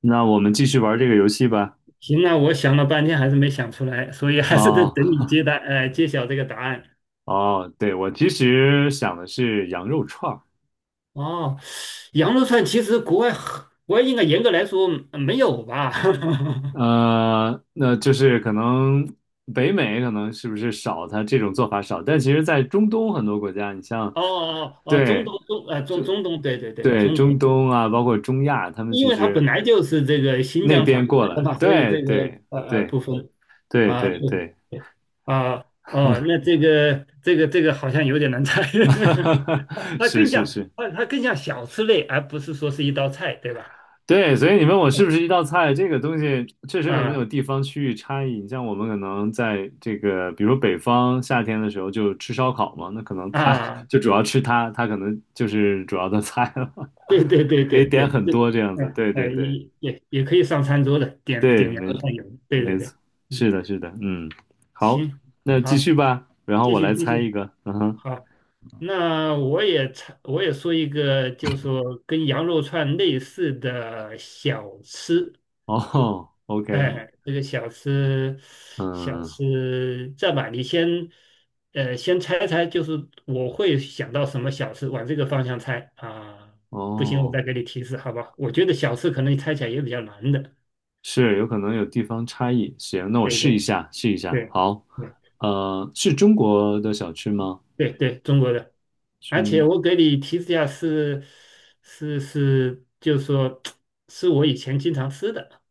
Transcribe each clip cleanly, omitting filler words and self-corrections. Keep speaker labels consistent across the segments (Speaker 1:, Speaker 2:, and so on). Speaker 1: 那我们继续玩这个游戏吧。
Speaker 2: 行，那我想了半天还是没想出来，所以还是得
Speaker 1: 哦
Speaker 2: 等你揭答，揭晓这个答案。
Speaker 1: 哦，对，我其实想的是羊肉串儿，
Speaker 2: 哦，羊肉串其实国外应该严格来说没有吧？
Speaker 1: 那就是可能北美可能是不是少，它这种做法少，但其实在中东很多国家，你像，
Speaker 2: 哦哦哦，中
Speaker 1: 对
Speaker 2: 东中呃中中东，对对对，
Speaker 1: 对，
Speaker 2: 中
Speaker 1: 中
Speaker 2: 东，
Speaker 1: 东啊，包括中亚，他们
Speaker 2: 因
Speaker 1: 其
Speaker 2: 为它本
Speaker 1: 实
Speaker 2: 来就是这个新
Speaker 1: 那
Speaker 2: 疆传
Speaker 1: 边
Speaker 2: 过
Speaker 1: 过
Speaker 2: 来的
Speaker 1: 来，
Speaker 2: 嘛，所以
Speaker 1: 对
Speaker 2: 这个
Speaker 1: 对对
Speaker 2: 不分
Speaker 1: 对
Speaker 2: 啊
Speaker 1: 对
Speaker 2: 不
Speaker 1: 对，
Speaker 2: 分啊哦，那这个好像有点难猜，它 它
Speaker 1: 是
Speaker 2: 更
Speaker 1: 是
Speaker 2: 像
Speaker 1: 是，
Speaker 2: 它它更像小吃类，而不是说是一道菜，对吧？
Speaker 1: 对，所以你问我是不是一
Speaker 2: 嗯
Speaker 1: 道菜，这个东西确实可能
Speaker 2: 啊。
Speaker 1: 有地方区域差异。你像我们可能在这个，比如说北方夏天的时候就吃烧烤嘛，那可能 它
Speaker 2: 啊，
Speaker 1: 就主要吃它，它可能就是主要的菜了，
Speaker 2: 对对对
Speaker 1: 可
Speaker 2: 对
Speaker 1: 以
Speaker 2: 对
Speaker 1: 点很
Speaker 2: 对，
Speaker 1: 多这样子。
Speaker 2: 嗯，
Speaker 1: 对
Speaker 2: 哎，
Speaker 1: 对对
Speaker 2: 也可以上餐桌的，点
Speaker 1: 对，
Speaker 2: 点羊
Speaker 1: 没
Speaker 2: 肉串，油，对对
Speaker 1: 没
Speaker 2: 对，
Speaker 1: 错，
Speaker 2: 嗯，
Speaker 1: 是的，是的，嗯，好，
Speaker 2: 行，
Speaker 1: 那继
Speaker 2: 好，
Speaker 1: 续吧，然后
Speaker 2: 继
Speaker 1: 我
Speaker 2: 续
Speaker 1: 来
Speaker 2: 继
Speaker 1: 猜
Speaker 2: 续，
Speaker 1: 一个，嗯哼，
Speaker 2: 好，那我也插我也说一个，就是说跟羊肉串类似的小吃，
Speaker 1: 哦，OK，
Speaker 2: 哎，这个小吃，小
Speaker 1: 嗯，
Speaker 2: 吃，这样吧，你先，先猜猜，就是我会想到什么小吃，往这个方向猜啊。不行，我
Speaker 1: 哦。
Speaker 2: 再给你提示，好吧？我觉得小吃可能你猜起来也比较难的。
Speaker 1: 是有可能有地方差异。行，那我
Speaker 2: 对
Speaker 1: 试一
Speaker 2: 对
Speaker 1: 下，试一下。
Speaker 2: 对
Speaker 1: 好，
Speaker 2: 对
Speaker 1: 是中国的小吃吗？
Speaker 2: 对对，中国的。而
Speaker 1: 中，
Speaker 2: 且我给你提示一下是，是就是说 是我以前经常吃的。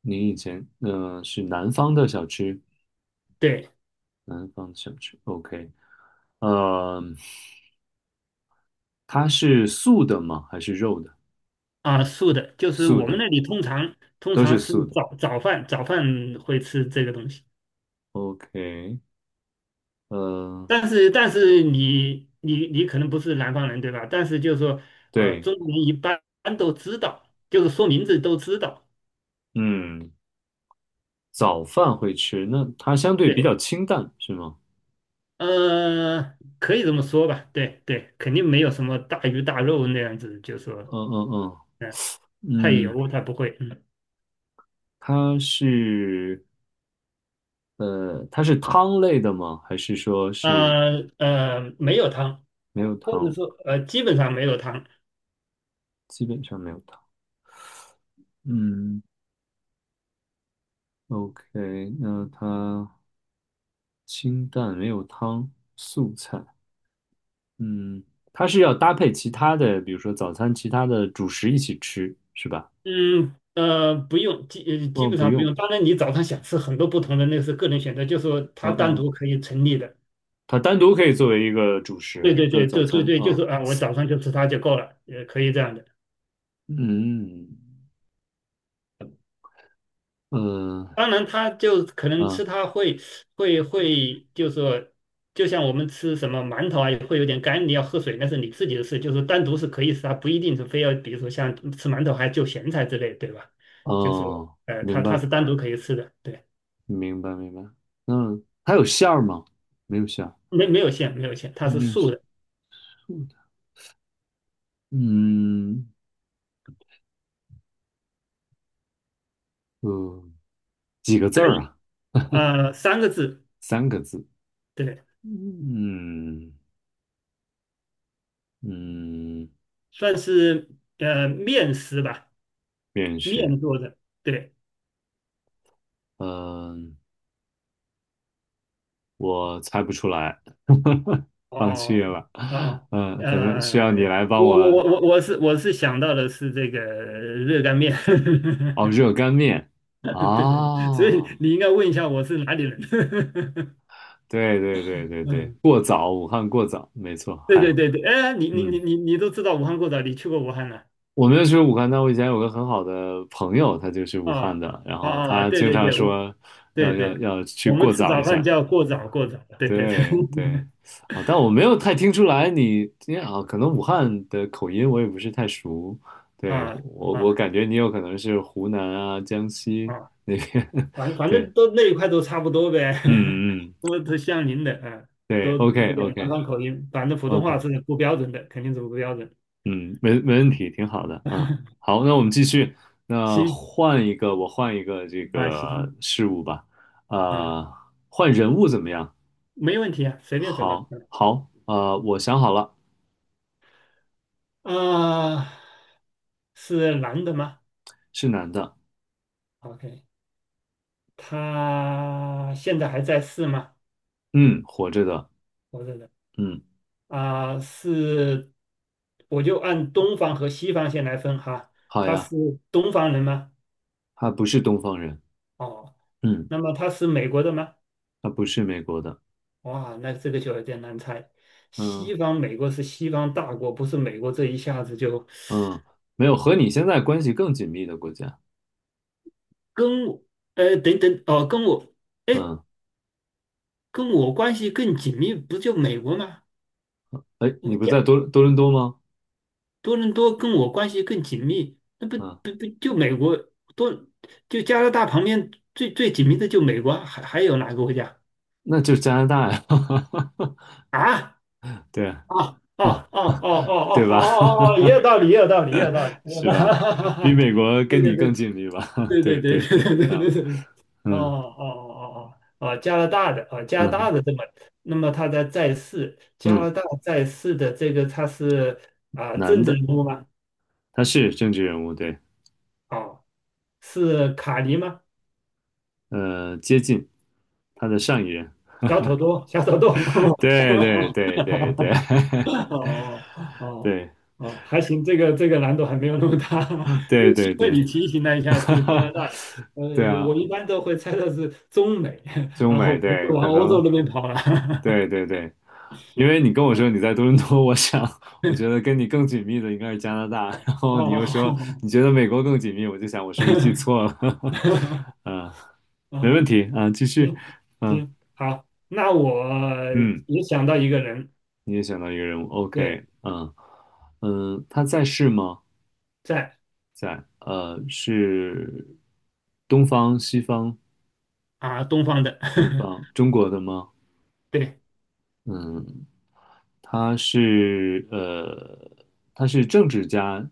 Speaker 1: 您以前是南方的小吃，
Speaker 2: 对
Speaker 1: 南方的小吃。OK，呃，它是素的吗？还是肉的？
Speaker 2: 啊，素的，就是
Speaker 1: 素
Speaker 2: 我们
Speaker 1: 的，
Speaker 2: 那里通常通
Speaker 1: 都
Speaker 2: 常
Speaker 1: 是
Speaker 2: 是
Speaker 1: 素的。
Speaker 2: 早饭会吃这个东西。
Speaker 1: OK，呃，
Speaker 2: 但是你可能不是南方人对吧？但是就是说，
Speaker 1: 对，
Speaker 2: 中国人一般都知道，就是说名字都知道，
Speaker 1: 嗯，早饭会吃，那它相对比较
Speaker 2: 对，
Speaker 1: 清淡，是吗？
Speaker 2: 可以这么说吧，对对，肯定没有什么大鱼大肉那样子，就是说，
Speaker 1: 嗯嗯
Speaker 2: 嗯，太
Speaker 1: 嗯嗯，
Speaker 2: 油他不会，
Speaker 1: 它是。它是汤类的吗？还是说是
Speaker 2: 嗯，没有汤，
Speaker 1: 没有
Speaker 2: 或者
Speaker 1: 汤？
Speaker 2: 说基本上没有汤，
Speaker 1: 基本上没有汤。嗯，OK，那它清淡没有汤，素菜。嗯，它是要搭配其他的，比如说早餐其他的主食一起吃，是吧？
Speaker 2: 嗯。不用，基
Speaker 1: 哦，
Speaker 2: 本
Speaker 1: 不
Speaker 2: 上不
Speaker 1: 用。
Speaker 2: 用。当然，你早上想吃很多不同的，那是个人选择，就是说
Speaker 1: 嗯
Speaker 2: 它单
Speaker 1: 嗯，
Speaker 2: 独可以成立的。
Speaker 1: 它单独可以作为一个主
Speaker 2: 对
Speaker 1: 食，
Speaker 2: 对
Speaker 1: 就是
Speaker 2: 对，
Speaker 1: 早
Speaker 2: 对对
Speaker 1: 餐
Speaker 2: 对，就
Speaker 1: 啊。
Speaker 2: 是啊，我早上就吃它就够了，也可以这样的。
Speaker 1: 嗯嗯
Speaker 2: 当然，它就可能
Speaker 1: 嗯
Speaker 2: 吃它会，就是说，就像我们吃什么馒头啊，也会有点干，你要喝水那是你自己的事，就是单独是可以吃，它不一定是非要，比如说像吃馒头还就咸菜之类，对吧？就是
Speaker 1: 哦，
Speaker 2: 它
Speaker 1: 明
Speaker 2: 它
Speaker 1: 白
Speaker 2: 是单独可以吃的，对，
Speaker 1: 明白明白。嗯，它有馅儿吗？没有馅儿，
Speaker 2: 没有馅，没有馅，它是
Speaker 1: 没有。
Speaker 2: 素
Speaker 1: 馅儿。
Speaker 2: 的，
Speaker 1: 度的，嗯呃，几个字
Speaker 2: 可
Speaker 1: 儿
Speaker 2: 以
Speaker 1: 啊？
Speaker 2: 三个字，
Speaker 1: 3个字。
Speaker 2: 对，
Speaker 1: 嗯嗯，
Speaker 2: 算是面食吧，
Speaker 1: 面试，
Speaker 2: 面做的，对。
Speaker 1: 嗯，我猜不出来，放弃
Speaker 2: 哦
Speaker 1: 了。
Speaker 2: 哦哦，哦，
Speaker 1: 嗯，可能
Speaker 2: 呃，
Speaker 1: 需要你来帮
Speaker 2: 我
Speaker 1: 我。
Speaker 2: 我我我我是我是想到的是这个热干面，
Speaker 1: 哦，热 干面。
Speaker 2: 对对对，所以
Speaker 1: 哦，
Speaker 2: 你应该问一下我是哪里人。
Speaker 1: 对对对对对，
Speaker 2: 嗯，
Speaker 1: 过早，武汉过早，没错。
Speaker 2: 对对
Speaker 1: 嗨，
Speaker 2: 对对，哎，你你
Speaker 1: 嗯。
Speaker 2: 你你你都知道武汉过早，你去过武汉了
Speaker 1: 我没有去武汉，但我以前有个很好的朋友，他就是武汉
Speaker 2: 啊
Speaker 1: 的，然
Speaker 2: 啊
Speaker 1: 后
Speaker 2: 啊！
Speaker 1: 他
Speaker 2: 对
Speaker 1: 经
Speaker 2: 对
Speaker 1: 常
Speaker 2: 对，我
Speaker 1: 说
Speaker 2: 对
Speaker 1: 要要
Speaker 2: 对，
Speaker 1: 要去
Speaker 2: 我们
Speaker 1: 过
Speaker 2: 吃
Speaker 1: 早一
Speaker 2: 早饭
Speaker 1: 下，
Speaker 2: 叫过早过早，对对对，
Speaker 1: 对对，啊，但我没有太听出来你，因为啊，可能武汉的口音我也不是太熟，对，
Speaker 2: 啊
Speaker 1: 我
Speaker 2: 啊
Speaker 1: 感觉你有可能是湖南啊、江西
Speaker 2: 啊！
Speaker 1: 那边，
Speaker 2: 反 反
Speaker 1: 对，
Speaker 2: 正都那一块都差不多呗，
Speaker 1: 嗯嗯，
Speaker 2: 都都像您的啊，
Speaker 1: 对
Speaker 2: 都有
Speaker 1: ，OK
Speaker 2: 点南
Speaker 1: OK
Speaker 2: 方口音，反正普通话
Speaker 1: OK，
Speaker 2: 是不标准的，肯定是不标准。
Speaker 1: 嗯，没问题，挺好的，嗯，好，那我们继续，那
Speaker 2: 行
Speaker 1: 换一个，我换一个这
Speaker 2: 啊，
Speaker 1: 个
Speaker 2: 行
Speaker 1: 事物吧，
Speaker 2: 啊，
Speaker 1: 呃，换人物怎么样？
Speaker 2: 没问题啊，随便什么
Speaker 1: 好，好，我想好了，
Speaker 2: 啊，啊是男的吗
Speaker 1: 是男的，
Speaker 2: ？OK,他现在还在世吗？
Speaker 1: 嗯，活着的，
Speaker 2: 活着的
Speaker 1: 嗯。
Speaker 2: 啊，是，我就按东方和西方先来分哈，
Speaker 1: 好
Speaker 2: 他
Speaker 1: 呀，
Speaker 2: 是东方人吗？
Speaker 1: 他不是东方人，
Speaker 2: 哦，
Speaker 1: 嗯，
Speaker 2: 那么他是美国的吗？
Speaker 1: 他不是美国的，
Speaker 2: 哇，那这个就有点难猜。
Speaker 1: 嗯
Speaker 2: 西方美国是西方大国，不是美国这一下子就
Speaker 1: 嗯，没有和你现在关系更紧密的国家，
Speaker 2: 跟我，等等，哦，跟我，哎，
Speaker 1: 嗯，
Speaker 2: 跟我关系更紧密，不就美国吗？
Speaker 1: 哎，
Speaker 2: 我
Speaker 1: 你不
Speaker 2: 加
Speaker 1: 在多伦多吗？
Speaker 2: 多伦多跟我关系更紧密，那不
Speaker 1: 嗯，
Speaker 2: 不不就美国多，就加拿大旁边最最紧密的就美国啊，还有哪个国家
Speaker 1: 那就是加拿大呀，
Speaker 2: 啊？
Speaker 1: 对啊，
Speaker 2: 哦
Speaker 1: 啊
Speaker 2: 哦哦哦哦哦哦
Speaker 1: 对
Speaker 2: 哦
Speaker 1: 吧？
Speaker 2: 哦，哦 也有道理，也有道理，也有道理，也有道
Speaker 1: 是
Speaker 2: 理。
Speaker 1: 吧？比 美国
Speaker 2: 这
Speaker 1: 跟
Speaker 2: 个
Speaker 1: 你
Speaker 2: 这
Speaker 1: 更紧密吧？
Speaker 2: 对对
Speaker 1: 对
Speaker 2: 对
Speaker 1: 对
Speaker 2: 对
Speaker 1: 对，
Speaker 2: 对对
Speaker 1: 啊，
Speaker 2: 对对，哦
Speaker 1: 嗯
Speaker 2: 哦哦哦哦，啊加拿大的啊，加拿
Speaker 1: 嗯
Speaker 2: 大的这么，那么他在在世，加拿
Speaker 1: 嗯，
Speaker 2: 大在世的这个他是啊政
Speaker 1: 男
Speaker 2: 治
Speaker 1: 的，
Speaker 2: 人物吗？
Speaker 1: 他是政治人物，对，
Speaker 2: 哦，是卡尼吗？
Speaker 1: 接近他的上一任，
Speaker 2: 小土豆，小土豆，
Speaker 1: 对对对对对
Speaker 2: 哦哦 哦
Speaker 1: 对
Speaker 2: 哦，还行，这个这个难度还没有那么大，因
Speaker 1: 对
Speaker 2: 为幸
Speaker 1: 对
Speaker 2: 亏
Speaker 1: 对。
Speaker 2: 你提醒了一 下
Speaker 1: 哈
Speaker 2: 是加拿
Speaker 1: 哈，
Speaker 2: 大的，
Speaker 1: 对啊，
Speaker 2: 我一般都会猜到是中美，
Speaker 1: 中
Speaker 2: 然后
Speaker 1: 美
Speaker 2: 不
Speaker 1: 对，
Speaker 2: 会往
Speaker 1: 可
Speaker 2: 欧
Speaker 1: 能
Speaker 2: 洲那边跑了。
Speaker 1: 对 对对，因为你跟我说你在多伦多，我想我觉得跟你更紧密的应该是加拿大，
Speaker 2: 哦，
Speaker 1: 然后你又说
Speaker 2: 哦，
Speaker 1: 你觉得美国更紧密，我就想我是不是记错了？嗯，没问
Speaker 2: 啊，
Speaker 1: 题啊，继续，
Speaker 2: 行
Speaker 1: 嗯
Speaker 2: 行，好，那我
Speaker 1: 嗯，
Speaker 2: 也想到一个人，
Speaker 1: 你也想到一个人物
Speaker 2: 对，
Speaker 1: ，OK，嗯嗯，他在世吗？
Speaker 2: 在
Speaker 1: 在，是东方、西方、
Speaker 2: 啊东方的，
Speaker 1: 东方、中国的吗？
Speaker 2: 对
Speaker 1: 嗯他是他是政治家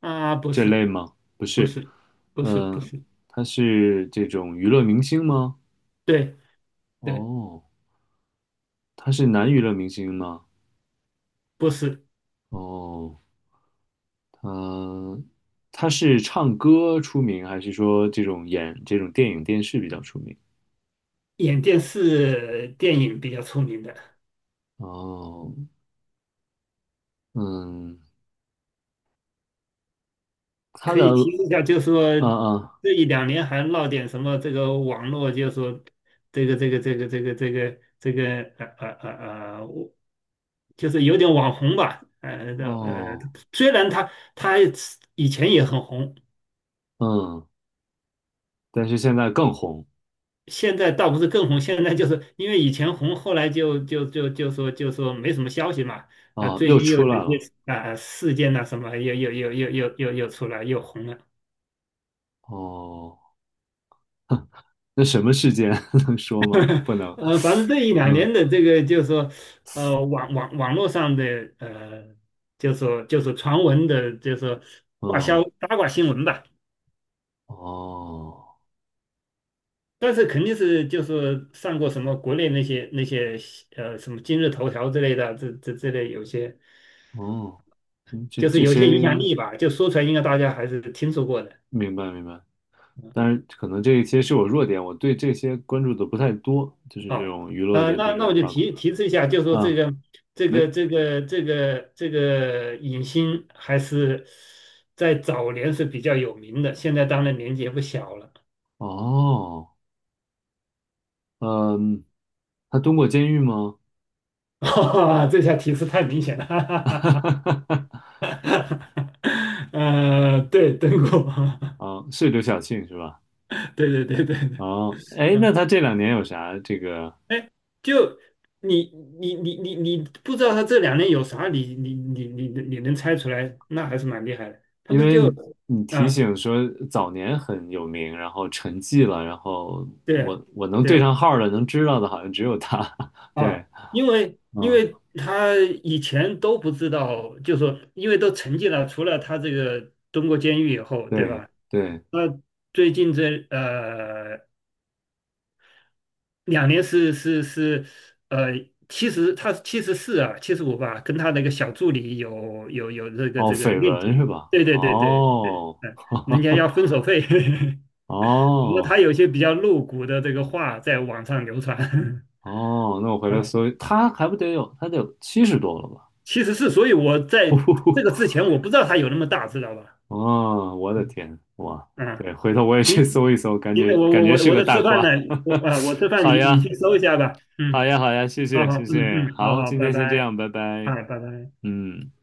Speaker 2: 啊，
Speaker 1: 这类吗？不
Speaker 2: 不
Speaker 1: 是，
Speaker 2: 是不是不
Speaker 1: 嗯、
Speaker 2: 是，
Speaker 1: 他是这种娱乐明星吗？
Speaker 2: 对对，
Speaker 1: 哦，他是男娱乐明星吗？
Speaker 2: 不是，
Speaker 1: 哦，他是唱歌出名，还是说这种演这种电影电视比较出名？
Speaker 2: 演电视电影比较出名的，
Speaker 1: 哦，嗯，他
Speaker 2: 可
Speaker 1: 的
Speaker 2: 以提示一下，就是说
Speaker 1: 嗯嗯
Speaker 2: 这一两年还闹点什么这个网络，就是说这个我就是有点网红吧，呃的呃，
Speaker 1: 哦
Speaker 2: 虽然他以前也很红，
Speaker 1: 嗯，但是现在更红
Speaker 2: 现在倒不是更红，现在就是因为以前红，后来就说没什么消息嘛，啊，
Speaker 1: 啊，
Speaker 2: 最
Speaker 1: 又
Speaker 2: 近又
Speaker 1: 出
Speaker 2: 有
Speaker 1: 来
Speaker 2: 一
Speaker 1: 了
Speaker 2: 些啊事件呐、什么又出来又红了。
Speaker 1: 哦。那什么事件 能说吗？不能。
Speaker 2: 反正这一两
Speaker 1: 嗯，
Speaker 2: 年的这个就是说，网络上的就是说就是传闻的，就是说挂销
Speaker 1: 哦，
Speaker 2: 八卦新闻吧。
Speaker 1: 哦，
Speaker 2: 但是肯定是就是上过什么国内那些那些什么今日头条之类的，这类有些
Speaker 1: 哦，嗯，这
Speaker 2: 就是
Speaker 1: 这
Speaker 2: 有些影响
Speaker 1: 些
Speaker 2: 力吧，就说出来应该大家还是听说过的。
Speaker 1: 明白明白。当然，可能这一些是我弱点，我对这些关注的不太多，就是这
Speaker 2: 哦，
Speaker 1: 种娱乐的这
Speaker 2: 那
Speaker 1: 种
Speaker 2: 我就
Speaker 1: 八卦
Speaker 2: 提示一下，就说这
Speaker 1: 啊，
Speaker 2: 个这
Speaker 1: 没
Speaker 2: 个这个这个这个影星还是在早年是比较有名的，现在当然年纪也不小了。
Speaker 1: 哦，嗯，他蹲过监狱吗？
Speaker 2: 哈这下提示太明显了，哈哈哈哈哈对，邓国
Speaker 1: 啊，是刘晓庆是吧？
Speaker 2: 对对对对对，
Speaker 1: 哦，哎，那
Speaker 2: 嗯，
Speaker 1: 他这2年有啥这个？
Speaker 2: 哎，就你你不知道他这两年有啥，你能猜出来，那还是蛮厉害的。他
Speaker 1: 因
Speaker 2: 不是
Speaker 1: 为
Speaker 2: 就
Speaker 1: 你提
Speaker 2: 啊，
Speaker 1: 醒说早年很有名，然后沉寂了，然后
Speaker 2: 对。
Speaker 1: 我能对
Speaker 2: 对，
Speaker 1: 上号儿的，能知道的，好像只有他。
Speaker 2: 啊，
Speaker 1: 对，
Speaker 2: 因为因
Speaker 1: 嗯，
Speaker 2: 为他以前都不知道，就说因为都沉寂了，除了他这个蹲过监狱以后，对
Speaker 1: 对
Speaker 2: 吧？
Speaker 1: 对，
Speaker 2: 那最近这两年是呃七十，70他七十四啊，七十五吧，跟他那个小助理有这个
Speaker 1: 哦，
Speaker 2: 这个
Speaker 1: 绯
Speaker 2: 恋
Speaker 1: 闻是
Speaker 2: 情，
Speaker 1: 吧？
Speaker 2: 对对对对对，
Speaker 1: 哦，
Speaker 2: 嗯，人家要 分手费，不过他
Speaker 1: 哦
Speaker 2: 有些比较露骨的这个话在网上流传
Speaker 1: 哦，那我 回来
Speaker 2: 啊。
Speaker 1: 搜一他还不得有，他得有七十多了吧？
Speaker 2: 其实是，所以我在这个之 前我不知道它有那么大，知道吧？
Speaker 1: 哦，我的
Speaker 2: 嗯，
Speaker 1: 天，哇，
Speaker 2: 嗯，
Speaker 1: 对，回头我也
Speaker 2: 行，
Speaker 1: 去搜一搜，感
Speaker 2: 行
Speaker 1: 觉
Speaker 2: 的，我
Speaker 1: 感
Speaker 2: 我
Speaker 1: 觉
Speaker 2: 我
Speaker 1: 是
Speaker 2: 我
Speaker 1: 个
Speaker 2: 在
Speaker 1: 大
Speaker 2: 吃饭呢，
Speaker 1: 瓜。
Speaker 2: 我 啊我吃饭
Speaker 1: 好
Speaker 2: 你
Speaker 1: 呀，
Speaker 2: 去搜一下吧，
Speaker 1: 好
Speaker 2: 嗯，
Speaker 1: 呀，好呀，谢
Speaker 2: 好
Speaker 1: 谢，
Speaker 2: 好，
Speaker 1: 谢
Speaker 2: 嗯
Speaker 1: 谢，
Speaker 2: 嗯，好
Speaker 1: 好，
Speaker 2: 好，
Speaker 1: 今
Speaker 2: 拜
Speaker 1: 天先这
Speaker 2: 拜，
Speaker 1: 样，拜拜，
Speaker 2: 啊拜拜。
Speaker 1: 嗯。